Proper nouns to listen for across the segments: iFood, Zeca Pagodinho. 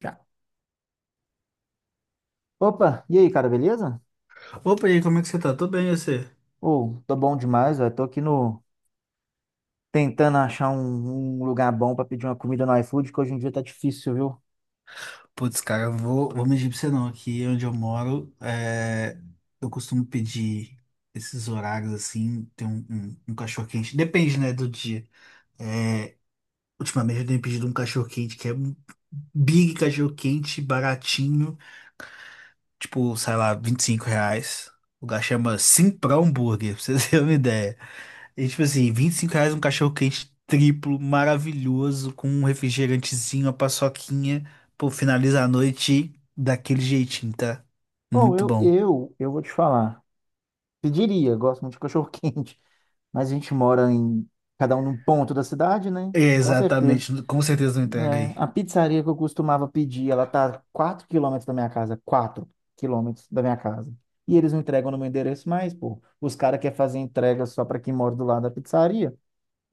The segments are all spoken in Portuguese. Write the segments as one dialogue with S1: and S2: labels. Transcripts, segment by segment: S1: Já. Opa, e aí, cara, beleza?
S2: Opa, e aí, como é que você tá? Tô bem, e você?
S1: Ô, tô bom demais, velho. Tô aqui no tentando achar um lugar bom pra pedir uma comida no iFood, que hoje em dia tá difícil, viu?
S2: Putz, cara, eu vou mentir pra você não. Aqui onde eu moro, eu costumo pedir esses horários assim, tem um cachorro-quente. Depende, né, do dia. É, ultimamente eu tenho pedido um cachorro-quente que é um big cachorro-quente, baratinho. Tipo, sei lá, R$ 25. O lugar chama Simprão Burger, pra vocês terem uma ideia. E tipo assim, R$ 25 um cachorro quente triplo, maravilhoso, com um refrigerantezinho, uma paçoquinha. Pô, finaliza a noite daquele jeitinho, tá?
S1: Ou
S2: Muito
S1: eu,
S2: bom.
S1: eu, eu vou te falar. Pediria, gosto muito de cachorro quente, mas a gente mora em cada um num ponto da cidade, né? Com certeza.
S2: Exatamente, com certeza não entrega
S1: É,
S2: aí.
S1: a pizzaria que eu costumava pedir, ela tá a 4 quilômetros da minha casa, 4 quilômetros da minha casa. E eles não entregam no meu endereço mais, pô. Os caras querem fazer entrega só pra quem mora do lado da pizzaria.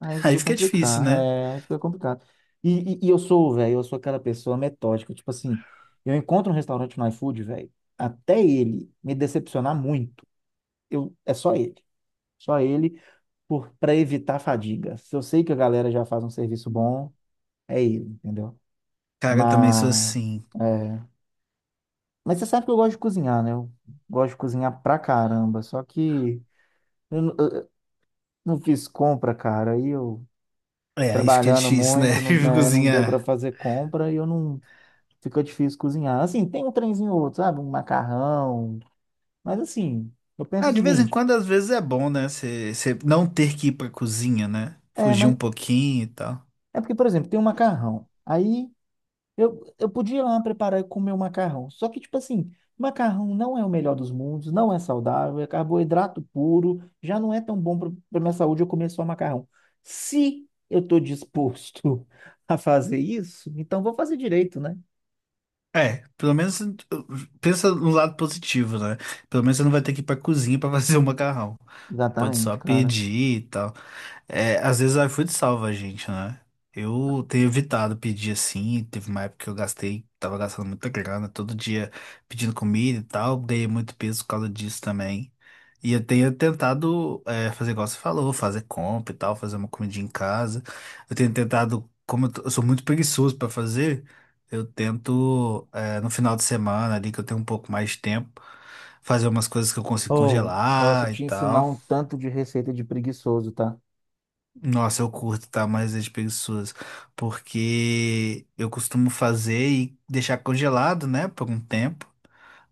S1: Aí
S2: Aí
S1: fica
S2: fica difícil,
S1: complicado,
S2: né?
S1: é, aí fica complicado. E eu sou, velho, eu sou aquela pessoa metódica, tipo assim, eu encontro um restaurante no iFood, velho, até ele me decepcionar muito, eu, é só ele, para evitar a fadiga. Se eu sei que a galera já faz um serviço bom, é ele, entendeu?
S2: Cara, eu também sou
S1: Mas,
S2: assim.
S1: é, mas você sabe que eu gosto de cozinhar, né? Eu gosto de cozinhar pra caramba, só que eu, eu não fiz compra, cara, aí eu
S2: É, aí fica
S1: trabalhando
S2: difícil, né?
S1: muito, não,
S2: Eu
S1: né, não deu para
S2: cozinhar.
S1: fazer compra e eu não ficou difícil cozinhar. Assim, tem um trenzinho ou outro, sabe? Um macarrão. Mas assim, eu penso o
S2: Ah, de vez em
S1: seguinte,
S2: quando, às vezes é bom, né? Você não ter que ir pra cozinha, né?
S1: é,
S2: Fugir um
S1: mas
S2: pouquinho e tal.
S1: é porque, por exemplo, tem um macarrão. Aí eu podia ir lá preparar e comer o macarrão. Só que, tipo assim, macarrão não é o melhor dos mundos, não é saudável, é carboidrato puro, já não é tão bom para minha saúde eu comer só macarrão. Se eu estou disposto a fazer isso, então vou fazer direito, né?
S2: É, pelo menos pensa no lado positivo, né? Pelo menos você não vai ter que ir pra cozinha pra fazer o macarrão. Você pode só
S1: Exatamente, cara.
S2: pedir e tal. É, às vezes o iFood salva a gente, né? Eu tenho evitado pedir assim. Teve uma época que eu gastei, tava gastando muita grana, todo dia pedindo comida e tal. Dei muito peso por causa disso também. E eu tenho tentado fazer igual você falou, fazer compra e tal, fazer uma comidinha em casa. Eu tenho tentado, como eu, eu sou muito preguiçoso pra fazer, eu tento no final de semana ali que eu tenho um pouco mais de tempo, fazer umas coisas que eu consigo
S1: Ou posso
S2: congelar e
S1: te ensinar
S2: tal.
S1: um tanto de receita de preguiçoso, tá?
S2: Nossa, eu curto, tá? Mais as preguiçosas. Porque eu costumo fazer e deixar congelado, né? Por um tempo.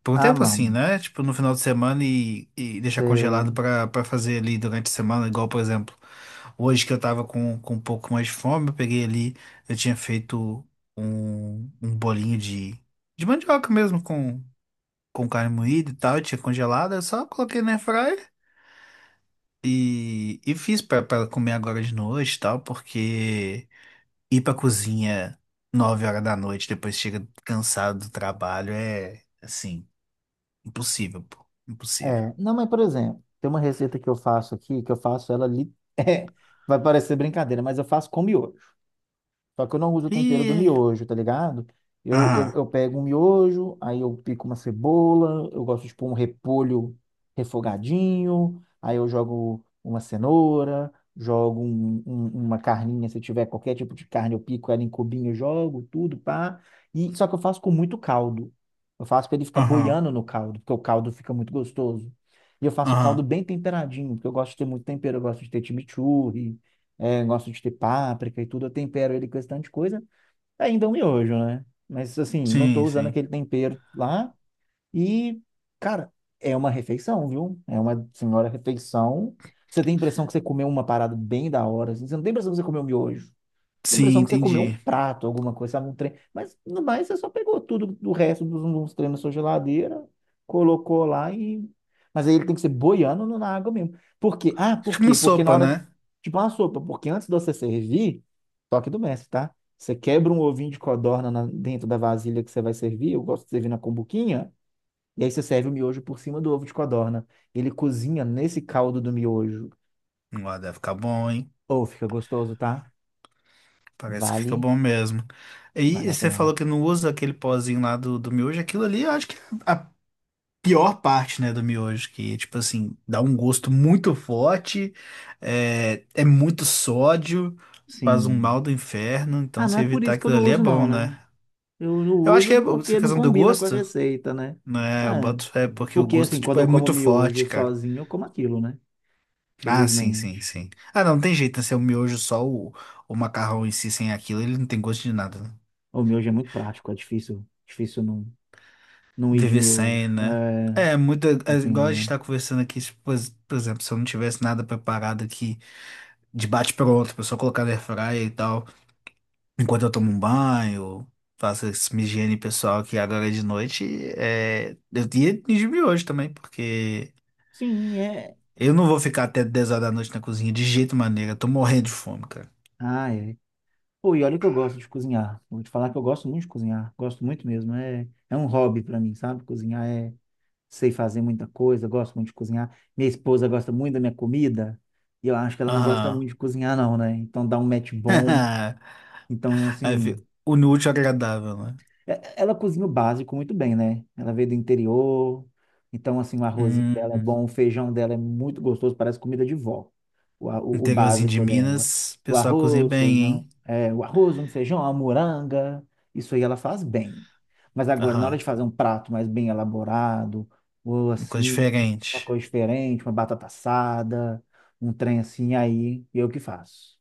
S2: Por um
S1: Ah,
S2: tempo assim,
S1: mano.
S2: né? Tipo, no final de semana e deixar congelado
S1: Você.
S2: pra fazer ali durante a semana. Igual, por exemplo, hoje que eu tava com um pouco mais de fome, eu peguei ali, eu tinha feito um bolinho de mandioca mesmo com carne moída e tal. Eu tinha congelado, eu só coloquei na airfryer. E fiz pra comer agora de noite e tal, porque ir pra cozinha 9 horas da noite, depois chega cansado do trabalho, é assim, impossível, pô. Impossível.
S1: É. Não, mas por exemplo, tem uma receita que eu faço aqui, que eu faço ela ali. É, vai parecer brincadeira, mas eu faço com miojo. Só que eu não uso o tempero do
S2: E.
S1: miojo, tá ligado? Eu, eu,
S2: Aham,
S1: eu pego um miojo, aí eu pico uma cebola, eu gosto de pôr um repolho refogadinho, aí eu jogo uma cenoura, jogo uma carninha, se tiver qualquer tipo de carne, eu pico ela em cubinho, jogo tudo, pá. E, só que eu faço com muito caldo. Eu faço para ele ficar
S2: aham,
S1: boiando no caldo, porque o caldo fica muito gostoso. E eu faço o caldo
S2: aham.
S1: bem temperadinho, porque eu gosto de ter muito tempero, eu gosto de ter chimichurri, é, gosto de ter páprica e tudo, eu tempero ele com esse tanto de coisa, ainda é um miojo, né? Mas assim, não tô
S2: Sim,
S1: usando
S2: sim.
S1: aquele tempero lá e, cara, é uma refeição, viu? É uma senhora refeição. Você tem a impressão que você comeu uma parada bem da hora, assim, você não tem a impressão que você comeu miojo. Dá a
S2: Sim,
S1: impressão que você comeu um
S2: entendi.
S1: prato, alguma coisa, sabe, um trem. Mas no mais, você só pegou tudo do resto dos treinos na sua geladeira, colocou lá e. Mas aí ele tem que ser boiando na água mesmo. Por quê? Ah, por
S2: Tipo uma
S1: quê? Porque na
S2: sopa,
S1: hora.
S2: né?
S1: Tipo uma sopa, porque antes de você servir, toque do mestre, tá? Você quebra um ovinho de codorna dentro da vasilha que você vai servir, eu gosto de servir na cumbuquinha, e aí você serve o miojo por cima do ovo de codorna. Ele cozinha nesse caldo do miojo.
S2: Ó, deve ficar bom, hein?
S1: Ou fica gostoso, tá?
S2: Parece que fica
S1: Vale,
S2: bom mesmo.
S1: vale
S2: E
S1: a
S2: você falou
S1: pena.
S2: que não usa aquele pozinho lá do miojo, aquilo ali, eu acho que pior parte, né, do miojo, que, tipo assim, dá um gosto muito forte, é muito sódio, faz um
S1: Sim.
S2: mal do inferno, então
S1: Ah, não
S2: se
S1: é por
S2: evitar
S1: isso que eu
S2: aquilo
S1: não
S2: ali é
S1: uso, não,
S2: bom,
S1: né?
S2: né?
S1: Eu não
S2: Eu acho que é
S1: uso
S2: essa
S1: porque não
S2: questão do
S1: combina com a
S2: gosto,
S1: receita, né?
S2: né, eu
S1: Ah,
S2: boto fé, porque o
S1: porque
S2: gosto,
S1: assim, quando
S2: tipo,
S1: eu
S2: é
S1: como
S2: muito
S1: miojo
S2: forte, cara.
S1: sozinho, eu como aquilo, né?
S2: Ah, sim, sim,
S1: Felizmente.
S2: sim. Ah, não, não tem jeito, né, se é o miojo só o macarrão em si, sem aquilo, ele não tem gosto de nada, né?
S1: O miojo é muito prático, é difícil, difícil não, não ir de
S2: Viver sem,
S1: miojo.
S2: né?
S1: É,
S2: É, muito, igual a gente
S1: dependendo.
S2: tá conversando aqui, tipo, por exemplo, se eu não tivesse nada preparado aqui, de bate-pronto, pra só colocar na airfryer e tal. Enquanto eu tomo um banho, faço essa minha higiene pessoal aqui agora é de noite. Eu ia me hoje também, porque
S1: Sim, é.
S2: eu não vou ficar até 10 horas da noite na cozinha de jeito maneira. Eu tô morrendo de fome, cara.
S1: Ah, é. Pô, e olha que eu gosto de cozinhar. Vou te falar que eu gosto muito de cozinhar. Gosto muito mesmo. É, é um hobby pra mim, sabe? Cozinhar é. Sei fazer muita coisa, gosto muito de cozinhar. Minha esposa gosta muito da minha comida, e eu acho que ela não gosta
S2: Aham.
S1: muito de cozinhar, não, né? Então dá um match bom. Então,
S2: Aí fica
S1: assim.
S2: o inútil agradável, né?
S1: É- Ela cozinha o básico muito bem, né? Ela veio do interior, então, assim, o arrozinho dela é
S2: Hum,
S1: bom, o feijão dela é muito gostoso, parece comida de vó, o, o
S2: interiorzinho de
S1: básico dela.
S2: Minas, o
S1: O
S2: pessoal cozinha
S1: arroz,
S2: bem,
S1: feijão,
S2: hein?
S1: é, o arroz, um feijão, uma moranga, isso aí ela faz bem. Mas agora, na hora
S2: Aham.
S1: de fazer um prato mais bem elaborado, ou
S2: Coisa
S1: assim, uma
S2: diferente.
S1: coisa diferente, uma batata assada, um trem assim, aí eu que faço.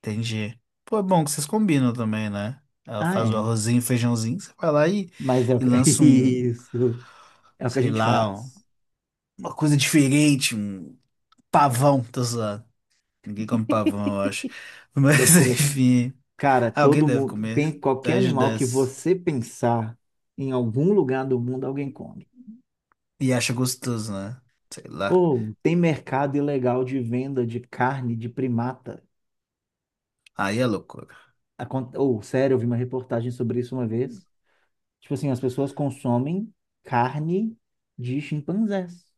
S2: Entendi. Pô, é bom que vocês combinam também, né? Ela
S1: Ah,
S2: faz o
S1: é.
S2: arrozinho, feijãozinho, você vai lá e,
S1: Mas é o
S2: e
S1: que-
S2: lança um,
S1: isso, é o que a
S2: sei
S1: gente
S2: lá,
S1: faz.
S2: uma coisa diferente, um pavão, tô zoando. Ninguém come pavão, eu acho.
S1: Deve
S2: Mas
S1: comer.
S2: enfim,
S1: Cara,
S2: ah, alguém
S1: todo
S2: deve
S1: mundo,
S2: comer.
S1: bem, qualquer
S2: 10 de
S1: animal que
S2: 10.
S1: você pensar em algum lugar do mundo, alguém come.
S2: E acha gostoso, né? Sei lá.
S1: Ou tem mercado ilegal de venda de carne de primata.
S2: Aí é loucura.
S1: Ou, sério, eu vi uma reportagem sobre isso uma vez. Tipo assim, as pessoas consomem carne de chimpanzés.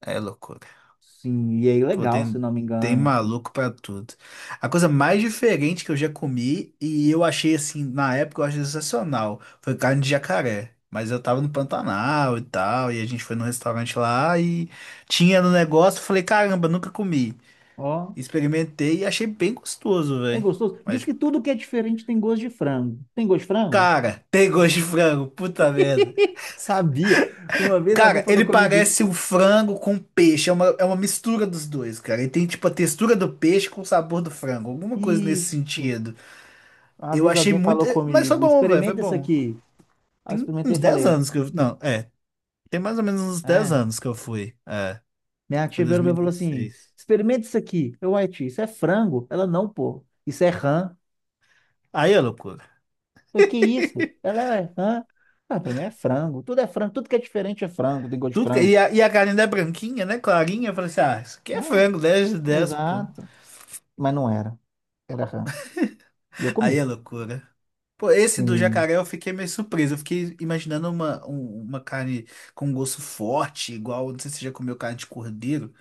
S2: Aí é loucura.
S1: Sim, e é
S2: Pô,
S1: ilegal, se
S2: tem,
S1: não me
S2: tem
S1: engano, assim.
S2: maluco pra tudo. A coisa mais diferente que eu já comi e eu achei assim, na época eu achei sensacional, foi carne de jacaré. Mas eu tava no Pantanal e tal, e a gente foi num restaurante lá e tinha no negócio, eu falei, caramba, nunca comi.
S1: Ó,
S2: Experimentei e achei bem gostoso,
S1: é
S2: velho.
S1: gostoso. Diz
S2: Mas,
S1: que tudo que é diferente tem gosto de frango. Tem gosto de frango?
S2: cara, tem gosto de frango, puta merda.
S1: Sabia. Uma vez alguém
S2: Cara,
S1: falou
S2: ele
S1: comigo,
S2: parece um frango com peixe. É uma mistura dos dois, cara. Ele tem, tipo, a textura do peixe com o sabor do frango. Alguma coisa nesse
S1: isso.
S2: sentido.
S1: Uma
S2: Eu
S1: vez
S2: achei
S1: alguém
S2: muito.
S1: falou
S2: Mas foi
S1: comigo,
S2: bom, velho. Foi
S1: experimenta isso
S2: bom.
S1: aqui. Aí eu
S2: Tem
S1: experimentei e
S2: uns 10
S1: falei,
S2: anos que eu. Não, é. Tem mais ou menos uns dez
S1: é.
S2: anos que eu fui. É.
S1: Minha
S2: Foi em
S1: tia virou pra mim e falou assim,
S2: 2016.
S1: experimenta isso aqui. Eu, ué, tia, isso é frango? Ela, não, pô. Isso é rã. Eu,
S2: Aí é loucura.
S1: falei, que isso? Ela, é rã? Ah, pra mim é frango. Tudo é frango. Tudo que é diferente é frango. Tem gosto de
S2: Tudo que...
S1: frango.
S2: E a carne é branquinha, né? Clarinha. Eu falei assim: ah, isso aqui é
S1: Ah,
S2: frango, 10 de 10 pô.
S1: exato. Mas não era. Era rã. E eu
S2: Aí é
S1: comi.
S2: loucura. Pô, esse do
S1: Sim,
S2: jacaré eu fiquei meio surpreso. Eu fiquei imaginando uma carne com gosto forte, igual. Não sei se você já comeu carne de cordeiro.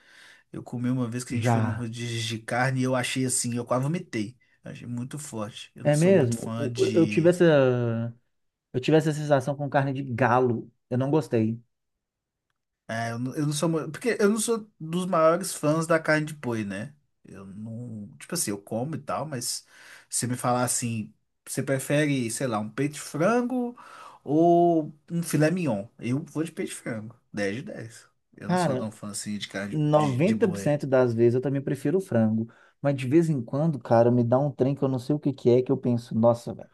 S2: Eu comi uma vez que a gente foi num
S1: já.
S2: rodízio de carne e eu achei assim, eu quase vomitei. Eu achei muito forte. Eu não
S1: É
S2: sou muito
S1: mesmo?
S2: fã
S1: Eu tive
S2: de.
S1: eu tive essa sensação com carne de galo. Eu não gostei.
S2: É, eu não sou. Porque eu não sou dos maiores fãs da carne de boi, né? Eu não. Tipo assim, eu como e tal, mas se me falar assim, você prefere, sei lá, um peito de frango ou um filé mignon? Eu vou de peito de frango. Dez de 10. Eu não sou
S1: Cara,
S2: tão fã assim de carne de
S1: noventa por
S2: boi.
S1: cento das vezes eu também prefiro o frango. Mas de vez em quando, cara, me dá um trem que eu não sei o que que é, que eu penso, nossa, velho,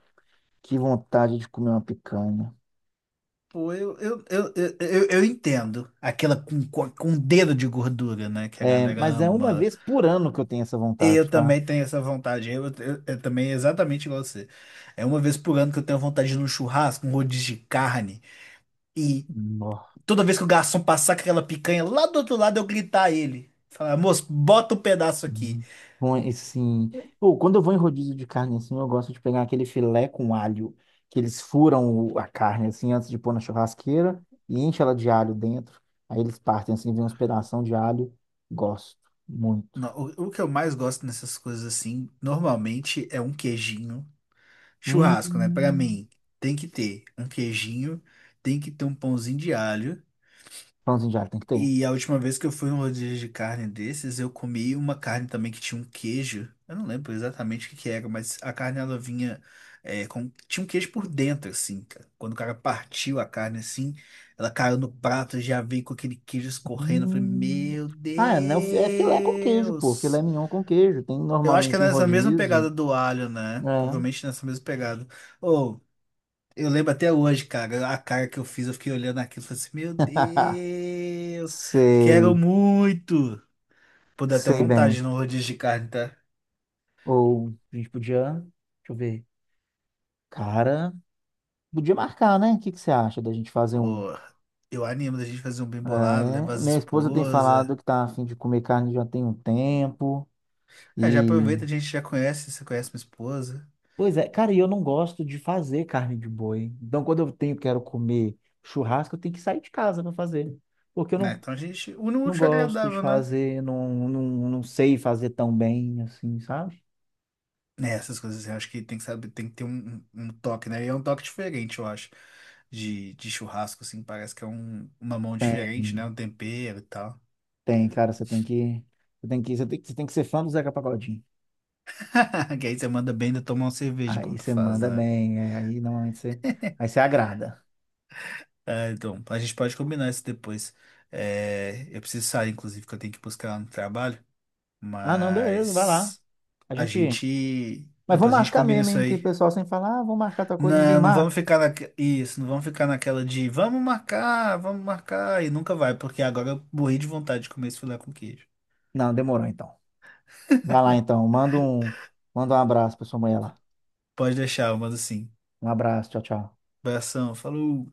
S1: que vontade de comer uma picanha.
S2: Pô, eu entendo aquela com um dedo de gordura, né? Que a
S1: É,
S2: galera
S1: mas é uma
S2: ama.
S1: vez por ano que eu tenho essa vontade,
S2: Eu
S1: tá?
S2: também tenho essa vontade. Eu também, exatamente igual você. É uma vez por ano que eu tenho vontade de ir num churrasco, um rodízio de carne. E
S1: Nó.
S2: toda vez que o garçom passar com aquela picanha lá do outro lado, eu gritar a ele. Falar, moço, bota um pedaço aqui.
S1: Hum. Bom, e sim. Pô, quando eu vou em rodízio de carne assim, eu gosto de pegar aquele filé com alho, que eles furam a carne assim antes de pôr na churrasqueira e enche ela de alho dentro. Aí eles partem assim, vem uns pedação de alho. Gosto muito.
S2: No- o que eu mais gosto nessas coisas assim, normalmente é um queijinho. Churrasco, né? Pra
S1: Hum.
S2: mim, tem que ter um queijinho, tem que ter um pãozinho de alho.
S1: Pãozinho de alho tem que ter.
S2: E a última vez que eu fui em um rodízio de carne desses, eu comi uma carne também que tinha um queijo. Eu não lembro exatamente o que que era, mas a carne ela vinha com, tinha um queijo por dentro, assim, cara. Quando o cara partiu a carne assim, ela caiu no prato, já veio com aquele queijo escorrendo. Eu falei,
S1: Hum.
S2: meu
S1: Ah, é, né? É filé com queijo, pô. Filé
S2: Deus!
S1: mignon com queijo. Tem
S2: Eu acho que é
S1: normalmente em
S2: nessa mesma pegada
S1: rodízio.
S2: do alho, né?
S1: É.
S2: Provavelmente nessa mesma pegada. Ô, eu lembro até hoje, cara, a cara que eu fiz, eu fiquei olhando aquilo e falei assim, meu Deus, quero
S1: Sei.
S2: muito. Pô, dá até
S1: Sei bem.
S2: vontade no rodízio de carne, tá?
S1: Ou a gente podia. Deixa eu ver. Cara, podia marcar, né? O que que você acha da gente fazer um?
S2: Ô, eu animo da gente fazer um bem bolado, levar
S1: É,
S2: as
S1: minha esposa tem
S2: esposas.
S1: falado que tá a fim de comer carne já tem um tempo.
S2: É, já aproveita, a gente já conhece, você conhece minha esposa,
S1: Pois é, cara, e eu não gosto de fazer carne de boi. Então, quando eu tenho, quero comer churrasco, eu tenho que sair de casa para fazer. Porque eu
S2: né?
S1: não,
S2: Então a gente, une o
S1: não
S2: útil ao
S1: gosto de
S2: agradável, né?
S1: fazer, não, não, não sei fazer tão bem, assim, sabe?
S2: Né, essas coisas assim, eu acho que tem que saber, tem que ter um toque, né? E é um toque diferente, eu acho, de churrasco, assim, parece que é uma mão diferente, né?
S1: Tem,
S2: Um tempero e tal.
S1: tem, cara, você tem que, você tem que, você tem, que- você tem que ser fã do Zeca Pagodinho.
S2: Que aí você manda bem ainda tomar uma cerveja
S1: Aí
S2: enquanto
S1: você
S2: faz,
S1: manda
S2: né?
S1: bem, é, aí normalmente você, aí você agrada.
S2: É, então, a gente pode combinar isso depois. É, eu preciso sair, inclusive, que eu tenho que buscar ela no trabalho.
S1: Ah, não, beleza, vai lá.
S2: Mas
S1: A
S2: a
S1: gente,
S2: gente.
S1: mas vamos
S2: Depois a gente
S1: marcar
S2: combina
S1: mesmo,
S2: isso
S1: hein, que o
S2: aí.
S1: pessoal sempre fala, ah, vamos marcar tal coisa, ninguém
S2: Não, não vamos
S1: marca.
S2: ficar na... Isso, não vamos ficar naquela de vamos marcar, vamos marcar. E nunca vai, porque agora eu morri de vontade de comer esse filé com queijo.
S1: Não, demorou então. Vai lá então, manda um abraço pra sua mulher lá.
S2: Pode deixar, eu mando sim.
S1: Um abraço, tchau, tchau.
S2: Abração, falou!